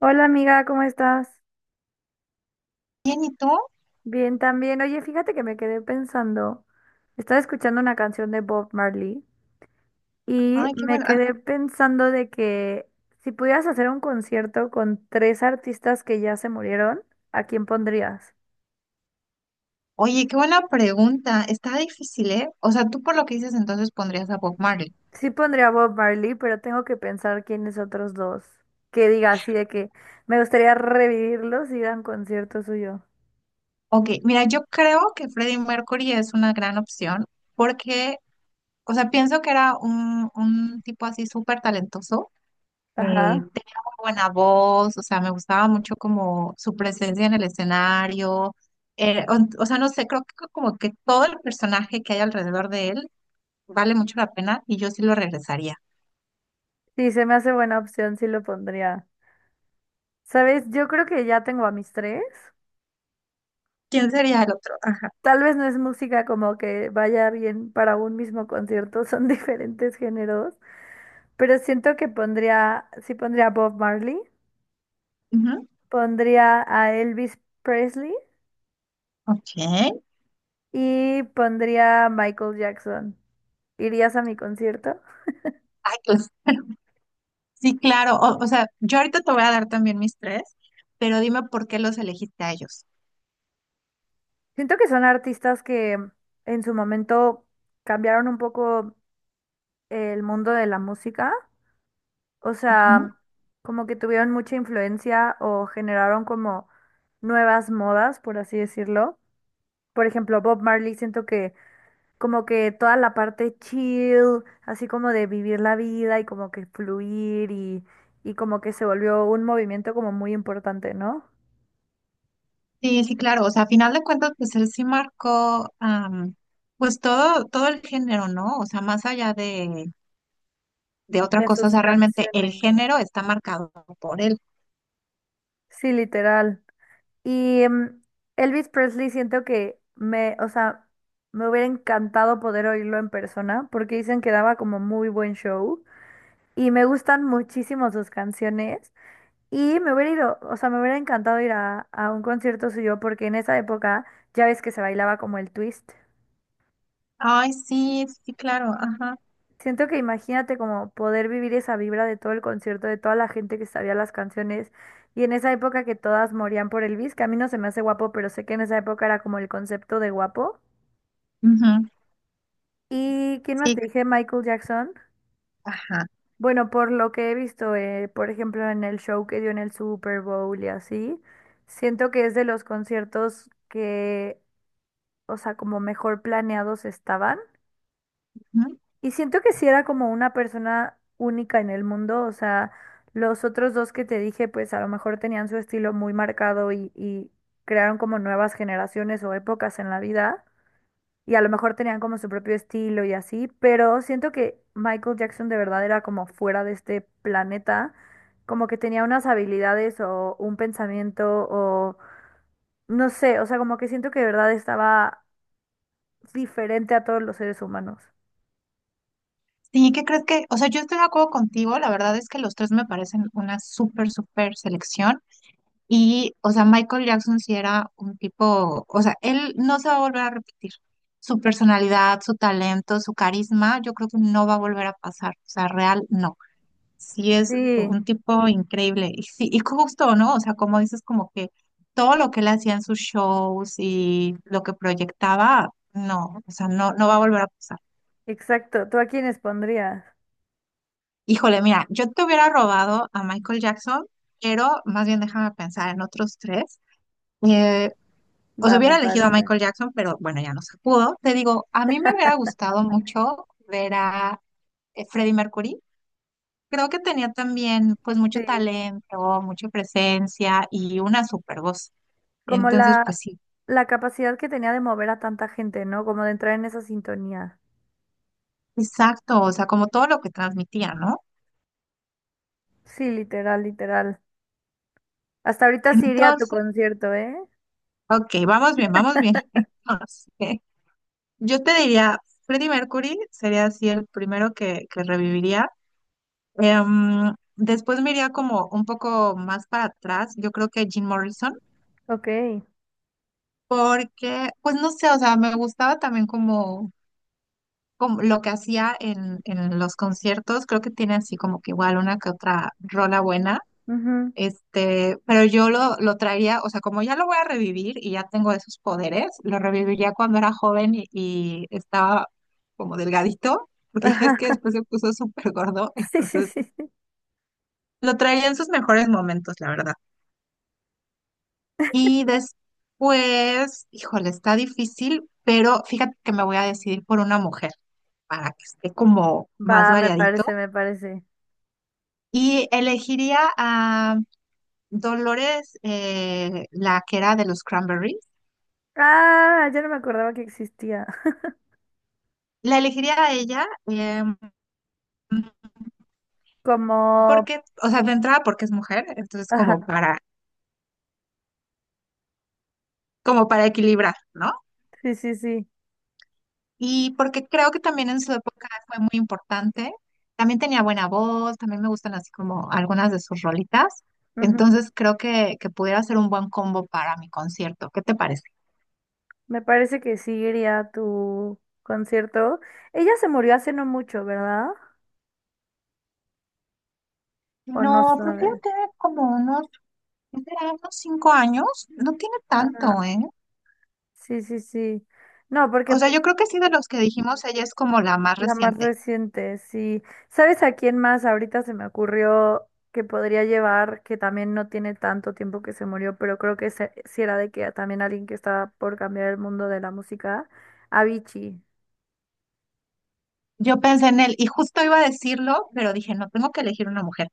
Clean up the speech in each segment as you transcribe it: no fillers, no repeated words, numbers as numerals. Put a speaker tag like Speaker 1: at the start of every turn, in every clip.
Speaker 1: Hola amiga, ¿cómo estás?
Speaker 2: Bien, ¿y tú?
Speaker 1: Bien también. Oye, fíjate que me quedé pensando, estaba escuchando una canción de Bob Marley y
Speaker 2: Ay, qué
Speaker 1: me
Speaker 2: bueno.
Speaker 1: quedé pensando de que si pudieras hacer un concierto con tres artistas que ya se murieron, ¿a quién pondrías?
Speaker 2: Oye, qué buena pregunta. Está difícil, ¿eh? O sea, tú por lo que dices entonces pondrías a Bob Marley.
Speaker 1: Sí pondría a Bob Marley, pero tengo que pensar quiénes otros dos. Que diga así de que me gustaría revivirlos y dan concierto suyo.
Speaker 2: Ok, mira, yo creo que Freddie Mercury es una gran opción porque, o sea, pienso que era un tipo así súper talentoso.
Speaker 1: Ajá.
Speaker 2: Tenía muy buena voz, o sea, me gustaba mucho como su presencia en el escenario. O sea, no sé, creo que como que todo el personaje que hay alrededor de él vale mucho la pena y yo sí lo regresaría.
Speaker 1: Sí, se me hace buena opción, sí lo pondría. ¿Sabes? Yo creo que ya tengo a mis tres.
Speaker 2: ¿Quién sería el otro? Ajá.
Speaker 1: Tal vez no es música como que vaya bien para un mismo concierto, son diferentes géneros, pero siento que pondría, sí pondría a Bob Marley,
Speaker 2: Ujú.
Speaker 1: pondría a Elvis Presley
Speaker 2: Ok.
Speaker 1: y pondría a Michael Jackson. ¿Irías a mi concierto?
Speaker 2: Pues, sí, claro. O sea, yo ahorita te voy a dar también mis tres, pero dime por qué los elegiste a ellos.
Speaker 1: Siento que son artistas que en su momento cambiaron un poco el mundo de la música, o
Speaker 2: Ujú.
Speaker 1: sea, como que tuvieron mucha influencia o generaron como nuevas modas, por así decirlo. Por ejemplo, Bob Marley, siento que como que toda la parte chill, así como de vivir la vida y como que fluir y como que se volvió un movimiento como muy importante, ¿no?
Speaker 2: Sí, sí, claro. O sea, a final de cuentas, pues él sí marcó, pues todo, todo el género, ¿no? O sea, más allá de otra
Speaker 1: De
Speaker 2: cosa, o
Speaker 1: sus
Speaker 2: sea, realmente el
Speaker 1: canciones.
Speaker 2: género está marcado por él.
Speaker 1: Sí, literal. Y em, Elvis Presley siento que me, o sea, me hubiera encantado poder oírlo en persona porque dicen que daba como muy buen show y me gustan muchísimo sus canciones. Y me hubiera ido, o sea, me hubiera encantado ir a un concierto suyo porque en esa época ya ves que se bailaba como el twist.
Speaker 2: Ay, sí, sí, claro. Ajá.
Speaker 1: Siento que imagínate como poder vivir esa vibra de todo el concierto, de toda la gente que sabía las canciones y en esa época que todas morían por Elvis, que a mí no se me hace guapo, pero sé que en esa época era como el concepto de guapo.
Speaker 2: Ujú.
Speaker 1: ¿Y quién más
Speaker 2: Sí,
Speaker 1: te dije? Michael Jackson.
Speaker 2: ajá.
Speaker 1: Bueno, por lo que he visto, por ejemplo, en el show que dio en el Super Bowl y así, siento que es de los conciertos que o sea, como mejor planeados estaban.
Speaker 2: Ujú.
Speaker 1: Y siento que sí era como una persona única en el mundo, o sea, los otros dos que te dije, pues a lo mejor tenían su estilo muy marcado y crearon como nuevas generaciones o épocas en la vida, y a lo mejor tenían como su propio estilo y así, pero siento que Michael Jackson de verdad era como fuera de este planeta, como que tenía unas habilidades o un pensamiento o no sé, o sea, como que siento que de verdad estaba diferente a todos los seres humanos.
Speaker 2: Sí, ¿qué crees que? O sea, yo estoy de acuerdo contigo. La verdad es que los tres me parecen una súper, súper selección. Y, o sea, Michael Jackson sí era un tipo, o sea, él no se va a volver a repetir. Su personalidad, su talento, su carisma, yo creo que no va a volver a pasar. O sea, real, no. Sí es
Speaker 1: Sí,
Speaker 2: un tipo increíble. Y sí, y justo, ¿no? O sea, como dices, como que todo lo que él hacía en sus shows y lo que proyectaba, no, o sea, no, no va a volver a pasar.
Speaker 1: exacto. ¿Tú a quiénes pondrías?
Speaker 2: Híjole, mira, yo te hubiera robado a Michael Jackson, pero más bien déjame pensar en otros tres. Eh, O sea,
Speaker 1: Va, me
Speaker 2: hubiera elegido a
Speaker 1: parece.
Speaker 2: Michael Jackson, pero bueno, ya no se pudo. Te digo, a mí me hubiera gustado mucho ver a Freddie Mercury. Creo que tenía también pues mucho
Speaker 1: Sí,
Speaker 2: talento, mucha presencia y una super voz.
Speaker 1: como
Speaker 2: Entonces, pues
Speaker 1: la,
Speaker 2: sí,
Speaker 1: la capacidad que tenía de mover a tanta gente, ¿no? Como de entrar en esa sintonía.
Speaker 2: exacto, o sea, como todo lo que transmitía, ¿no?
Speaker 1: Sí, literal, literal. Hasta ahorita sí iría a tu
Speaker 2: Entonces,
Speaker 1: concierto, ¿eh?
Speaker 2: ok, vamos bien, vamos bien. Entonces, yo te diría, Freddie Mercury sería así el primero que reviviría. Después me iría como un poco más para atrás, yo creo que Jim Morrison.
Speaker 1: Ok.
Speaker 2: Porque, pues no sé, o sea, me gustaba también como, como lo que hacía en los conciertos, creo que tiene así como que igual una que otra rola buena,
Speaker 1: Ujú.
Speaker 2: este, pero yo lo traía, o sea, como ya lo voy a revivir y ya tengo esos poderes, lo reviviría cuando era joven y estaba como delgadito, porque ya ves
Speaker 1: Ajá.
Speaker 2: que después se puso súper gordo,
Speaker 1: Sí, sí,
Speaker 2: entonces
Speaker 1: sí, sí.
Speaker 2: lo traía en sus mejores momentos, la verdad. Y después, híjole, está difícil, pero fíjate que me voy a decidir por una mujer, para que esté como más
Speaker 1: Va, me parece,
Speaker 2: variadito.
Speaker 1: me parece.
Speaker 2: Y elegiría a Dolores, la que era de los Cranberries.
Speaker 1: Ah, ya no me acordaba que existía.
Speaker 2: La elegiría a ella, eh,
Speaker 1: Como...
Speaker 2: porque, o sea, de entrada porque es mujer, entonces como
Speaker 1: Ajá,
Speaker 2: para, como para equilibrar, ¿no?
Speaker 1: sí, sí, sí.
Speaker 2: Y porque creo que también en su época fue muy importante. También tenía buena voz, también me gustan así como algunas de sus rolitas. Entonces creo que pudiera ser un buen combo para mi concierto. ¿Qué te parece?
Speaker 1: Me parece que sí iría a tu concierto. Ella se murió hace no mucho, ¿verdad? ¿O no
Speaker 2: No, creo que
Speaker 1: sabe?
Speaker 2: tiene como unos... Es de unos 5 años, no tiene
Speaker 1: Ah,
Speaker 2: tanto, ¿eh?
Speaker 1: sí, sí, sí. No, porque
Speaker 2: O sea,
Speaker 1: pues,
Speaker 2: yo creo que sí, de los que dijimos, ella es como la más
Speaker 1: la más
Speaker 2: reciente.
Speaker 1: reciente, sí. ¿Sabes a quién más ahorita se me ocurrió que podría llevar, que también no tiene tanto tiempo que se murió, pero creo que sí era de que también alguien que estaba por cambiar el mundo de la música? Avicii.
Speaker 2: Yo pensé en él y justo iba a decirlo, pero dije, no, tengo que elegir una mujer.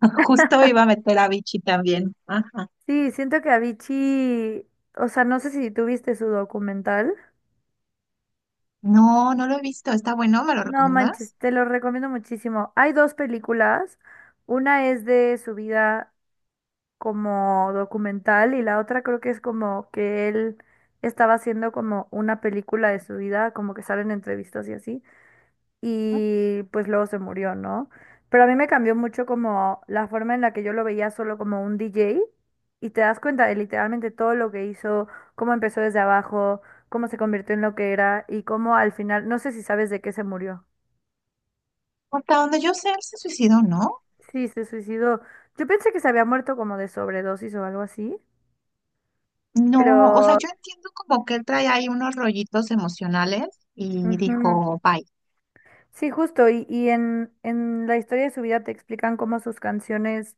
Speaker 2: Justo iba a meter a Vichy también. Ajá.
Speaker 1: Sí, siento que Avicii, o sea, no sé si tuviste su documental.
Speaker 2: No, no lo he visto. Está bueno, ¿me lo
Speaker 1: No manches,
Speaker 2: recomiendas?
Speaker 1: te lo recomiendo muchísimo. Hay dos películas. Una es de su vida como documental y la otra creo que es como que él estaba haciendo como una película de su vida, como que salen entrevistas y así.
Speaker 2: ¿No?
Speaker 1: Y pues luego se murió, ¿no? Pero a mí me cambió mucho como la forma en la que yo lo veía solo como un DJ y te das cuenta de literalmente todo lo que hizo, cómo empezó desde abajo, cómo se convirtió en lo que era y cómo al final, no sé si sabes de qué se murió.
Speaker 2: Hasta donde yo sé, él se suicidó, ¿no?
Speaker 1: Sí, se suicidó. Yo pensé que se había muerto como de sobredosis o algo así,
Speaker 2: No, o sea,
Speaker 1: pero
Speaker 2: yo entiendo como que él trae ahí unos rollitos emocionales y
Speaker 1: ujú.
Speaker 2: dijo, bye.
Speaker 1: Sí, justo. Y en la historia de su vida te explican cómo sus canciones,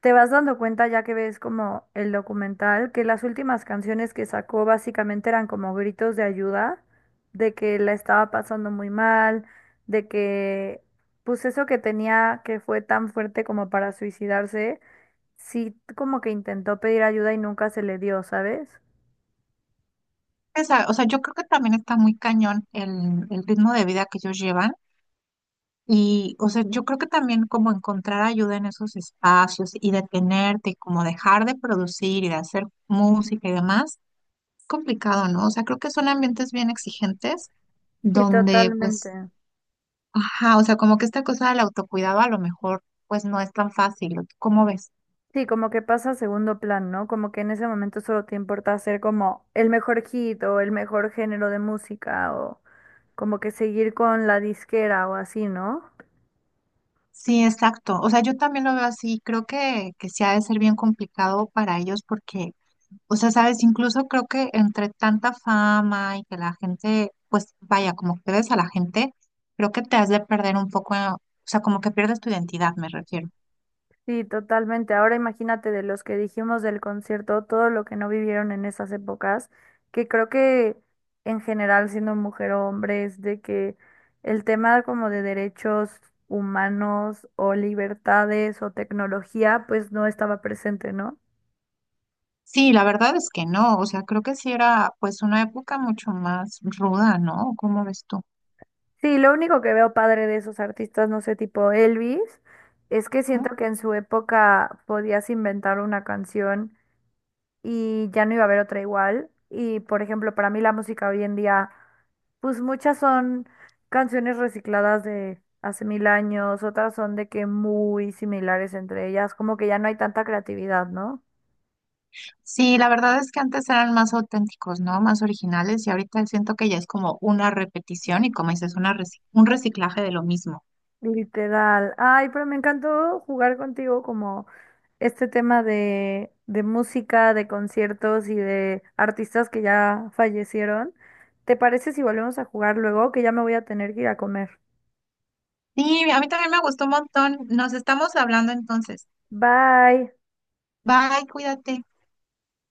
Speaker 1: te vas dando cuenta ya que ves como el documental, que las últimas canciones que sacó básicamente eran como gritos de ayuda, de que la estaba pasando muy mal, de que pues eso que tenía que fue tan fuerte como para suicidarse, sí como que intentó pedir ayuda y nunca se le dio, ¿sabes?
Speaker 2: Esa- o sea, yo creo que también está muy cañón el ritmo de vida que ellos llevan. Y, o sea, yo creo que también como encontrar ayuda en esos espacios y detenerte, como dejar de producir y de hacer música y demás, es complicado, ¿no? O sea, creo que son ambientes bien exigentes
Speaker 1: Sí,
Speaker 2: donde, pues,
Speaker 1: totalmente.
Speaker 2: ajá, o sea, como que esta cosa del autocuidado a lo mejor, pues, no es tan fácil. ¿O tú cómo ves?
Speaker 1: Sí, como que pasa a segundo plan, ¿no? Como que en ese momento solo te importa hacer como el mejor hit o el mejor género de música o como que seguir con la disquera o así, ¿no?
Speaker 2: Sí, exacto. O sea, yo también lo veo así. Creo que sí ha de ser bien complicado para ellos porque... O sea, sabes, incluso creo que entre tanta fama y que la gente, pues vaya, como que ves a la gente, creo que te has de perder un poco, o sea, como que pierdes tu identidad, me refiero.
Speaker 1: Sí, totalmente. Ahora imagínate de los que dijimos del concierto, todo lo que no vivieron en esas épocas, que creo que en general siendo mujer o hombre es de que el tema como de derechos humanos o libertades o tecnología pues no estaba presente, ¿no?
Speaker 2: Sí, la verdad es que no, o sea, creo que sí era pues una época mucho más ruda, ¿no? ¿Cómo ves tú?
Speaker 1: Sí, lo único que veo padre de esos artistas, no sé, tipo Elvis, es que
Speaker 2: Ujú.
Speaker 1: siento que en su época podías inventar una canción y ya no iba a haber otra igual. Y por ejemplo, para mí la música hoy en día, pues muchas son canciones recicladas de hace mil años, otras son de que muy similares entre ellas, como que ya no hay tanta creatividad, ¿no?
Speaker 2: Sí, la verdad es que antes eran más auténticos, ¿no? Más originales y ahorita siento que ya es como una repetición y, como dices, una reci- un reciclaje de lo mismo.
Speaker 1: Literal. Ay, pero me encantó jugar contigo como este tema de música, de conciertos y de artistas que ya fallecieron. ¿Te parece si volvemos a jugar luego? Que ya me voy a tener que ir a comer.
Speaker 2: Sí, a mí también me gustó un montón. Nos estamos hablando entonces.
Speaker 1: Bye.
Speaker 2: Bye, cuídate.